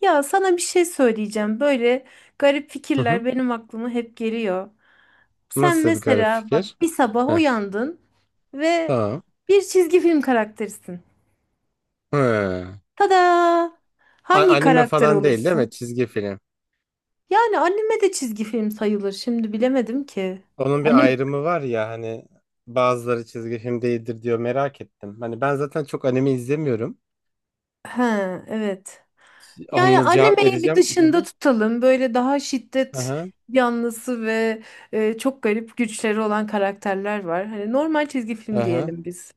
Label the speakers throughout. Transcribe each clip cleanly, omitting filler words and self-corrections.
Speaker 1: Ya sana bir şey söyleyeceğim. Böyle garip
Speaker 2: Hı hı.
Speaker 1: fikirler benim aklıma hep geliyor. Sen
Speaker 2: Nasıl bir garip
Speaker 1: mesela
Speaker 2: fikir?
Speaker 1: bak bir sabah
Speaker 2: Heh,
Speaker 1: uyandın ve
Speaker 2: tamam.
Speaker 1: bir çizgi film karakterisin.
Speaker 2: Hı.
Speaker 1: Tada! Hangi
Speaker 2: Anime
Speaker 1: karakter
Speaker 2: falan değil, değil mi?
Speaker 1: olursun?
Speaker 2: Çizgi film.
Speaker 1: Yani anime de çizgi film sayılır. Şimdi bilemedim ki.
Speaker 2: Onun bir
Speaker 1: Anime.
Speaker 2: ayrımı var ya hani bazıları çizgi film değildir diyor merak ettim. Hani ben zaten çok anime izlemiyorum.
Speaker 1: He, evet. Yani
Speaker 2: Anla cevap
Speaker 1: animeyi bir
Speaker 2: vereceğim. Hı
Speaker 1: dışında
Speaker 2: hı.
Speaker 1: tutalım. Böyle daha şiddet
Speaker 2: Aha,
Speaker 1: yanlısı ve çok garip güçleri olan karakterler var. Hani normal çizgi film
Speaker 2: aha.
Speaker 1: diyelim biz.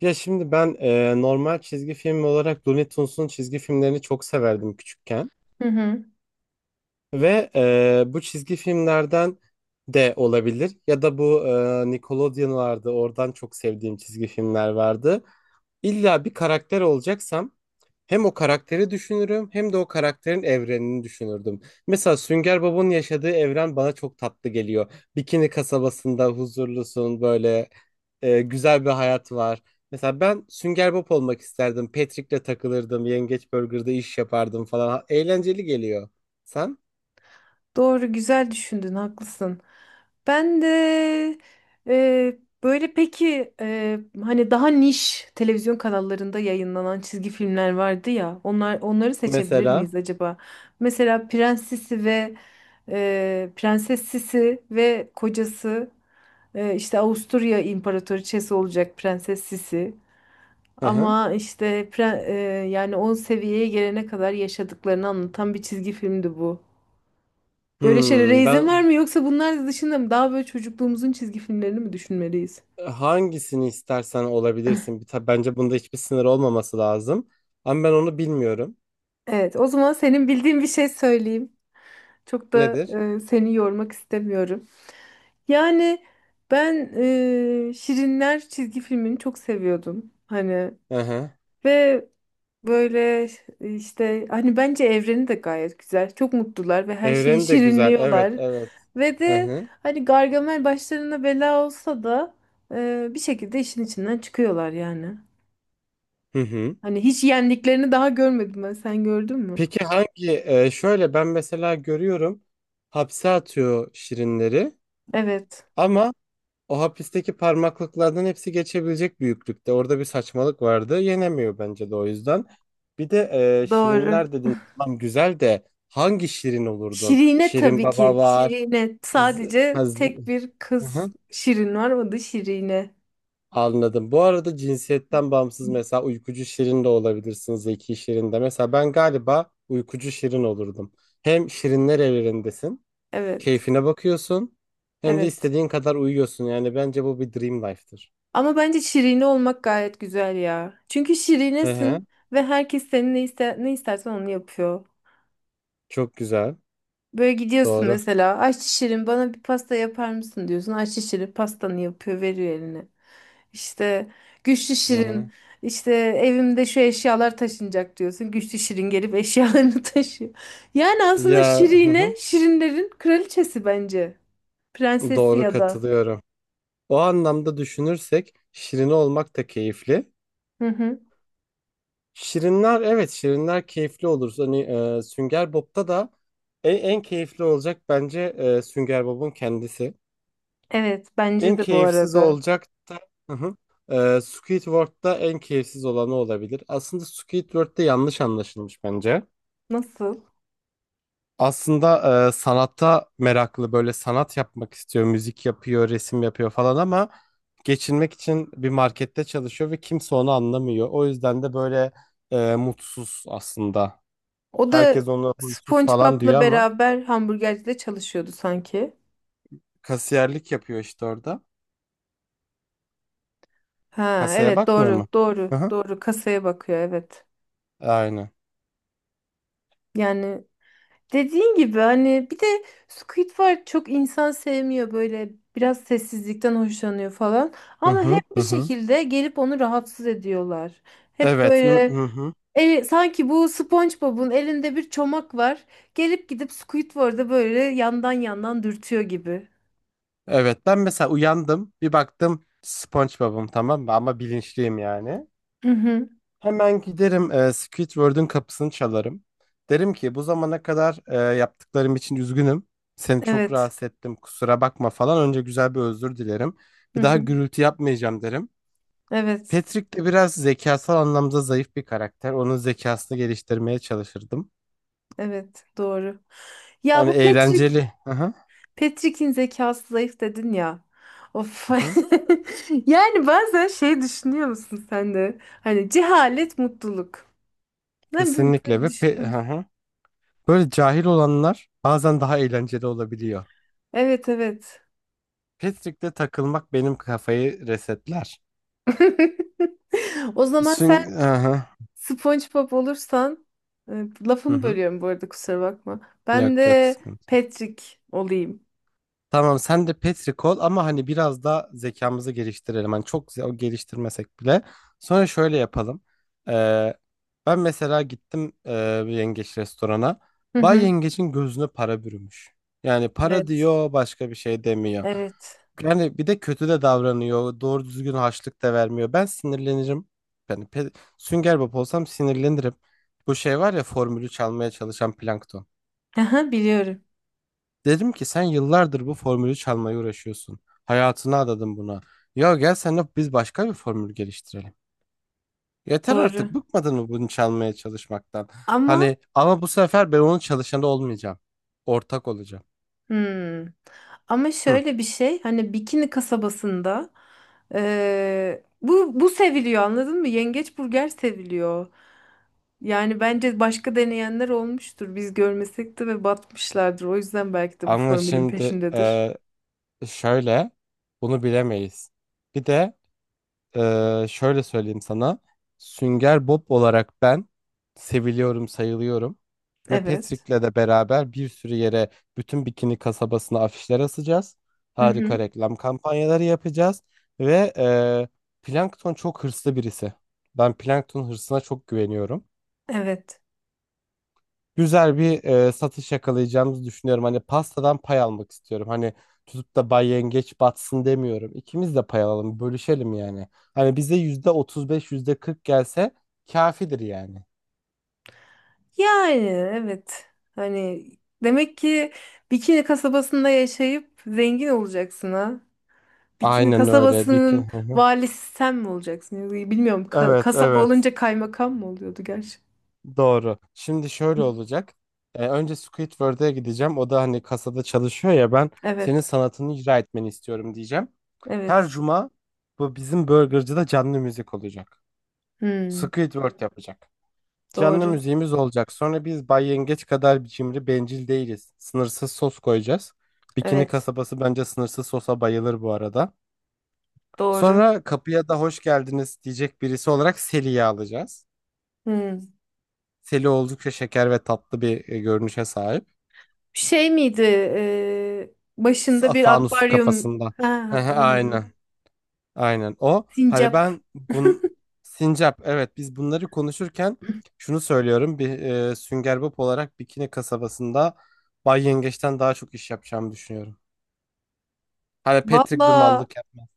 Speaker 2: Ya şimdi ben normal çizgi film olarak Looney Tunes'un çizgi filmlerini çok severdim küçükken.
Speaker 1: Hı hı.
Speaker 2: Ve bu çizgi filmlerden de olabilir ya da bu Nickelodeon vardı, oradan çok sevdiğim çizgi filmler vardı. İlla bir karakter olacaksam hem o karakteri düşünürüm hem de o karakterin evrenini düşünürdüm. Mesela Sünger Bob'un yaşadığı evren bana çok tatlı geliyor. Bikini kasabasında huzurlusun, böyle güzel bir hayat var. Mesela ben Sünger Bob olmak isterdim. Patrick'le takılırdım. Yengeç Burger'da iş yapardım falan. Eğlenceli geliyor. Sen?
Speaker 1: Doğru, güzel düşündün, haklısın. Ben de e, böyle peki hani daha niş televizyon kanallarında yayınlanan çizgi filmler vardı ya. Onlar onları seçebilir
Speaker 2: Mesela.
Speaker 1: miyiz acaba? Mesela Prens Sisi ve Prenses Sisi ve kocası işte Avusturya İmparatoriçesi olacak Prenses Sisi.
Speaker 2: Hı hı.
Speaker 1: Ama işte yani 10 seviyeye gelene kadar yaşadıklarını anlatan bir çizgi filmdi bu. Böyle şeylere
Speaker 2: Hmm,
Speaker 1: izin var
Speaker 2: ben
Speaker 1: mı yoksa bunlar dışında mı? Daha böyle çocukluğumuzun çizgi filmlerini mi düşünmeliyiz?
Speaker 2: hangisini istersen olabilirsin. Bence bunda hiçbir sınır olmaması lazım. Ama ben onu bilmiyorum.
Speaker 1: Evet, o zaman senin bildiğin bir şey söyleyeyim. Çok da
Speaker 2: Nedir?
Speaker 1: seni yormak istemiyorum. Yani ben Şirinler çizgi filmini çok seviyordum. Hani
Speaker 2: Hı hı.
Speaker 1: ve böyle işte hani bence evreni de gayet güzel. Çok mutlular ve her şeyi
Speaker 2: Evreni de güzel. Evet,
Speaker 1: şirinliyorlar.
Speaker 2: evet.
Speaker 1: Ve
Speaker 2: Hı
Speaker 1: de
Speaker 2: hı.
Speaker 1: hani Gargamel başlarına bela olsa da bir şekilde işin içinden çıkıyorlar yani.
Speaker 2: Hı hı.
Speaker 1: Hani hiç yendiklerini daha görmedim ben. Sen gördün mü?
Speaker 2: Peki hangi şöyle ben mesela görüyorum, hapse atıyor şirinleri
Speaker 1: Evet.
Speaker 2: ama o hapisteki parmaklıklardan hepsi geçebilecek büyüklükte. Orada bir saçmalık vardı. Yenemiyor bence de o yüzden. Bir de
Speaker 1: Doğru.
Speaker 2: şirinler dedin. Tamam, güzel, de hangi şirin olurdun?
Speaker 1: Şirine
Speaker 2: Şirin
Speaker 1: tabii
Speaker 2: Baba
Speaker 1: ki.
Speaker 2: var.
Speaker 1: Şirine.
Speaker 2: Z- ha,
Speaker 1: Sadece
Speaker 2: z-
Speaker 1: tek bir kız
Speaker 2: hı.
Speaker 1: Şirin var. O da Şirine.
Speaker 2: Anladım. Bu arada cinsiyetten bağımsız, mesela uykucu şirin de olabilirsin. Zeki şirin de. Mesela ben galiba uykucu şirin olurdum. Hem şirinler evrendesin.
Speaker 1: Evet.
Speaker 2: Keyfine bakıyorsun. Hem de
Speaker 1: Evet.
Speaker 2: istediğin kadar uyuyorsun. Yani bence bu bir dream life'tır.
Speaker 1: Ama bence Şirine olmak gayet güzel ya. Çünkü
Speaker 2: Hı
Speaker 1: Şirinesin
Speaker 2: hı.
Speaker 1: ve herkes senin ne istersen onu yapıyor.
Speaker 2: Çok güzel.
Speaker 1: Böyle gidiyorsun
Speaker 2: Doğru.
Speaker 1: mesela aç şirin bana bir pasta yapar mısın diyorsun. Aç şirin pastanı yapıyor veriyor eline. İşte güçlü
Speaker 2: Hı hı.
Speaker 1: şirin işte evimde şu eşyalar taşınacak diyorsun. Güçlü şirin gelip eşyalarını taşıyor. Yani aslında
Speaker 2: Ya hı
Speaker 1: şirine
Speaker 2: hı.
Speaker 1: şirinlerin kraliçesi bence. Prensesi
Speaker 2: Doğru,
Speaker 1: ya da.
Speaker 2: katılıyorum. O anlamda düşünürsek şirin olmak da keyifli.
Speaker 1: Hı hı.
Speaker 2: Şirinler, evet, şirinler keyifli olur. Hani Sünger Bob'ta da en keyifli olacak bence Sünger Bob'un kendisi.
Speaker 1: Evet bence
Speaker 2: En
Speaker 1: de bu
Speaker 2: keyifsiz
Speaker 1: arada.
Speaker 2: olacak da hı hı. Squidward'da en keyifsiz olanı olabilir. Aslında Squidward'da yanlış anlaşılmış bence.
Speaker 1: Nasıl?
Speaker 2: Aslında, sanatta meraklı, böyle sanat yapmak istiyor, müzik yapıyor, resim yapıyor falan ama geçinmek için bir markette çalışıyor ve kimse onu anlamıyor. O yüzden de böyle mutsuz aslında.
Speaker 1: O da
Speaker 2: Herkes onu huysuz falan diyor
Speaker 1: SpongeBob'la
Speaker 2: ama
Speaker 1: beraber hamburgercide çalışıyordu sanki.
Speaker 2: kasiyerlik yapıyor işte orada.
Speaker 1: Ha
Speaker 2: Kasaya
Speaker 1: evet
Speaker 2: bakmıyor
Speaker 1: doğru
Speaker 2: mu?
Speaker 1: doğru
Speaker 2: Hı hı.
Speaker 1: doğru kasaya bakıyor evet.
Speaker 2: Aynen.
Speaker 1: Yani dediğin gibi hani bir de Squidward çok insan sevmiyor böyle biraz sessizlikten hoşlanıyor falan
Speaker 2: Hı
Speaker 1: ama hep
Speaker 2: hı, hı
Speaker 1: bir
Speaker 2: hı.
Speaker 1: şekilde gelip onu rahatsız ediyorlar. Hep
Speaker 2: Evet. Hı
Speaker 1: böyle
Speaker 2: hı. Hı.
Speaker 1: sanki bu SpongeBob'un elinde bir çomak var gelip gidip Squidward'a böyle yandan yandan dürtüyor gibi.
Speaker 2: Evet, ben mesela uyandım, bir baktım SpongeBob'um, tamam mı, ama bilinçliyim yani.
Speaker 1: Hı hı,
Speaker 2: Hemen giderim, Squidward'ın kapısını çalarım. Derim ki bu zamana kadar yaptıklarım için üzgünüm. Seni çok
Speaker 1: evet.
Speaker 2: rahatsız ettim, kusura bakma falan. Önce güzel bir özür dilerim.
Speaker 1: Hı
Speaker 2: Bir daha
Speaker 1: hı,
Speaker 2: gürültü yapmayacağım derim.
Speaker 1: evet.
Speaker 2: Patrick de biraz zekasal anlamda zayıf bir karakter. Onun zekasını geliştirmeye çalışırdım.
Speaker 1: Evet, doğru. Ya
Speaker 2: Yani
Speaker 1: bu
Speaker 2: eğlenceli. Hı hı.
Speaker 1: Patrick'in zekası zayıf dedin ya. Of.
Speaker 2: Hı hı.
Speaker 1: Yani bazen şey düşünüyor musun sen de? Hani cehalet mutluluk. Ne bileyim,
Speaker 2: Kesinlikle
Speaker 1: böyle
Speaker 2: ve
Speaker 1: düşünüyor
Speaker 2: hı
Speaker 1: musun?
Speaker 2: hı. Böyle cahil olanlar bazen daha eğlenceli olabiliyor.
Speaker 1: Evet evet.
Speaker 2: Patrick'te takılmak benim kafayı resetler.
Speaker 1: O zaman sen
Speaker 2: Hı hı.
Speaker 1: SpongeBob olursan e,
Speaker 2: Hı
Speaker 1: lafını
Speaker 2: hı.
Speaker 1: bölüyorum bu arada kusura bakma. Ben
Speaker 2: Yok, yok,
Speaker 1: de
Speaker 2: sıkıntı.
Speaker 1: Patrick olayım.
Speaker 2: Tamam, sen de Petri ol ama hani biraz da zekamızı geliştirelim. Hani çok geliştirmesek bile. Sonra şöyle yapalım. Ee, ben mesela gittim bir yengeç restorana.
Speaker 1: Hı
Speaker 2: Bay
Speaker 1: hı.
Speaker 2: yengeçin gözüne para bürümüş. Yani para
Speaker 1: Evet.
Speaker 2: diyor, başka bir şey demiyor.
Speaker 1: Evet.
Speaker 2: Yani bir de kötü de davranıyor. Doğru düzgün harçlık da vermiyor. Ben sinirlenirim. Yani Sünger Bob olsam sinirlenirim. Bu şey var ya, formülü çalmaya çalışan Plankton.
Speaker 1: Aha, biliyorum.
Speaker 2: Dedim ki sen yıllardır bu formülü çalmaya uğraşıyorsun. Hayatını adadın buna. Ya gel, seninle biz başka bir formül geliştirelim. Yeter artık,
Speaker 1: Doğru.
Speaker 2: bıkmadın mı bunu çalmaya çalışmaktan?
Speaker 1: Ama
Speaker 2: Hani ama bu sefer ben onun çalışanı olmayacağım. Ortak olacağım.
Speaker 1: Hmm. Ama
Speaker 2: Hı.
Speaker 1: şöyle bir şey hani Bikini kasabasında bu seviliyor anladın mı? Yengeç burger seviliyor. Yani bence başka deneyenler olmuştur. Biz görmesek de ve batmışlardır. O yüzden belki de bu
Speaker 2: Ama
Speaker 1: formülün
Speaker 2: şimdi
Speaker 1: peşindedir.
Speaker 2: şöyle, bunu bilemeyiz. Bir de, şöyle söyleyeyim sana. Sünger Bob olarak ben seviliyorum, sayılıyorum. Ve
Speaker 1: Evet.
Speaker 2: Patrick'le de beraber bir sürü yere, bütün Bikini kasabasına afişler asacağız.
Speaker 1: Hı
Speaker 2: Harika
Speaker 1: hı.
Speaker 2: reklam kampanyaları yapacağız. Ve Plankton çok hırslı birisi. Ben Plankton hırsına çok güveniyorum,
Speaker 1: Evet.
Speaker 2: güzel bir satış yakalayacağımızı düşünüyorum. Hani pastadan pay almak istiyorum. Hani tutup da Bay Yengeç batsın demiyorum. İkimiz de pay alalım, bölüşelim yani. Hani bize %35, %40 gelse kafidir yani.
Speaker 1: Yani evet. Hani demek ki Bikini kasabasında yaşayıp zengin olacaksın ha. Bikini
Speaker 2: Aynen öyle.
Speaker 1: kasabasının
Speaker 2: Hı hı.
Speaker 1: valisi sen mi olacaksın? Yani bilmiyorum.
Speaker 2: Evet,
Speaker 1: Kasaba
Speaker 2: evet.
Speaker 1: olunca kaymakam mı oluyordu gerçi?
Speaker 2: Doğru. Şimdi şöyle olacak. Önce Squidward'a gideceğim. O da hani kasada çalışıyor ya, ben senin
Speaker 1: Evet.
Speaker 2: sanatını icra etmeni istiyorum diyeceğim. Her
Speaker 1: Evet.
Speaker 2: cuma bu bizim burgercıda canlı müzik olacak.
Speaker 1: Hmm,
Speaker 2: Squidward yapacak. Canlı
Speaker 1: doğru.
Speaker 2: müziğimiz olacak. Sonra, biz Bay Yengeç kadar biçimli bencil değiliz. Sınırsız sos koyacağız. Bikini
Speaker 1: Evet.
Speaker 2: kasabası bence sınırsız sosa bayılır bu arada.
Speaker 1: Doğru.
Speaker 2: Sonra kapıya da hoş geldiniz diyecek birisi olarak Seli'yi alacağız.
Speaker 1: Hmm.
Speaker 2: Seli oldukça şeker ve tatlı bir görünüşe sahip.
Speaker 1: Şey miydi? Başında bir
Speaker 2: Fanus
Speaker 1: akvaryum.
Speaker 2: kafasında.
Speaker 1: Ha, aynen. Aynen.
Speaker 2: Aynen. Aynen o. Hani
Speaker 1: Sincap.
Speaker 2: ben Sincap, evet, biz bunları konuşurken şunu söylüyorum: bir Sünger Bob olarak Bikini kasabasında Bay Yengeç'ten daha çok iş yapacağımı düşünüyorum. Hani Patrick bir
Speaker 1: Valla
Speaker 2: mallık yapmam.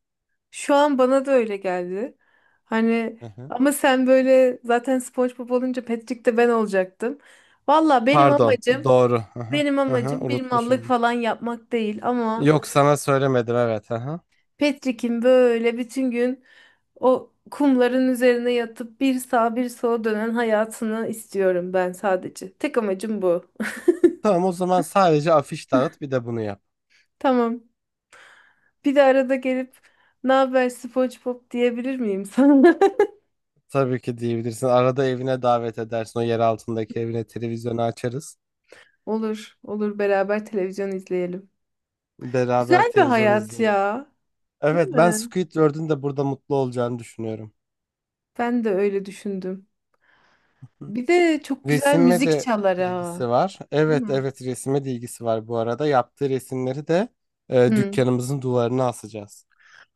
Speaker 1: şu an bana da öyle geldi. Hani
Speaker 2: Hı hı.
Speaker 1: ama sen böyle zaten SpongeBob olunca Patrick de ben olacaktım. Valla benim
Speaker 2: Pardon,
Speaker 1: amacım
Speaker 2: doğru. Hı hı.
Speaker 1: Benim
Speaker 2: Hı hı,
Speaker 1: amacım bir mallık
Speaker 2: unutmuşum.
Speaker 1: falan yapmak değil ama
Speaker 2: Yok, sana söylemedim, evet. Hı hı.
Speaker 1: Petrik'in böyle bütün gün o kumların üzerine yatıp bir sağa bir sola dönen hayatını istiyorum ben sadece. Tek amacım bu.
Speaker 2: Tamam, o zaman sadece afiş dağıt, bir de bunu yap.
Speaker 1: Tamam. Bir de arada gelip ne haber SpongeBob diyebilir miyim sana?
Speaker 2: Tabii ki diyebilirsin. Arada evine davet edersin. O yer altındaki evine televizyonu açarız.
Speaker 1: Olur, olur beraber televizyon izleyelim.
Speaker 2: Beraber
Speaker 1: Güzel bir
Speaker 2: televizyon
Speaker 1: hayat
Speaker 2: izleriz.
Speaker 1: ya, değil
Speaker 2: Evet, ben
Speaker 1: mi?
Speaker 2: Squidward'ın da burada mutlu olacağını düşünüyorum.
Speaker 1: Ben de öyle düşündüm.
Speaker 2: Hı.
Speaker 1: Bir de çok güzel
Speaker 2: Resime
Speaker 1: müzik
Speaker 2: de
Speaker 1: çalar ha,
Speaker 2: ilgisi var.
Speaker 1: değil
Speaker 2: Evet,
Speaker 1: mi?
Speaker 2: evet, resime de ilgisi var bu arada. Yaptığı resimleri de dükkanımızın duvarına asacağız.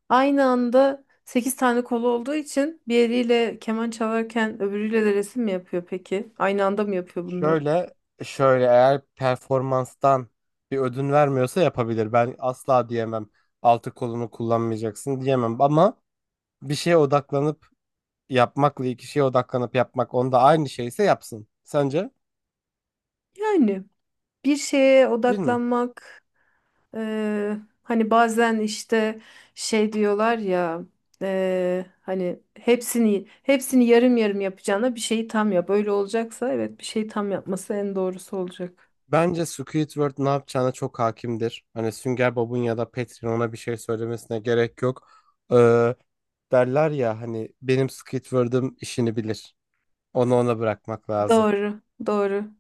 Speaker 1: Aynı anda 8 tane kolu olduğu için bir eliyle keman çalarken öbürüyle de resim mi yapıyor peki? Aynı anda mı yapıyor bunları?
Speaker 2: Şöyle şöyle, eğer performanstan bir ödün vermiyorsa yapabilir. Ben asla diyemem, altı kolunu kullanmayacaksın diyemem ama bir şeye odaklanıp yapmakla iki şeye odaklanıp yapmak onda aynı şeyse yapsın. Sence?
Speaker 1: Yani bir şeye
Speaker 2: Değil mi?
Speaker 1: odaklanmak hani bazen işte şey diyorlar ya hani hepsini yarım yarım yapacağına bir şeyi tam yap. Öyle olacaksa evet bir şeyi tam yapması en doğrusu olacak.
Speaker 2: Bence Squidward ne yapacağına çok hakimdir. Hani Sünger Bob'un ya da Patrick'in ona bir şey söylemesine gerek yok. Ee, derler ya hani benim Squidward'ım işini bilir. Onu ona bırakmak lazım.
Speaker 1: Doğru, doğru.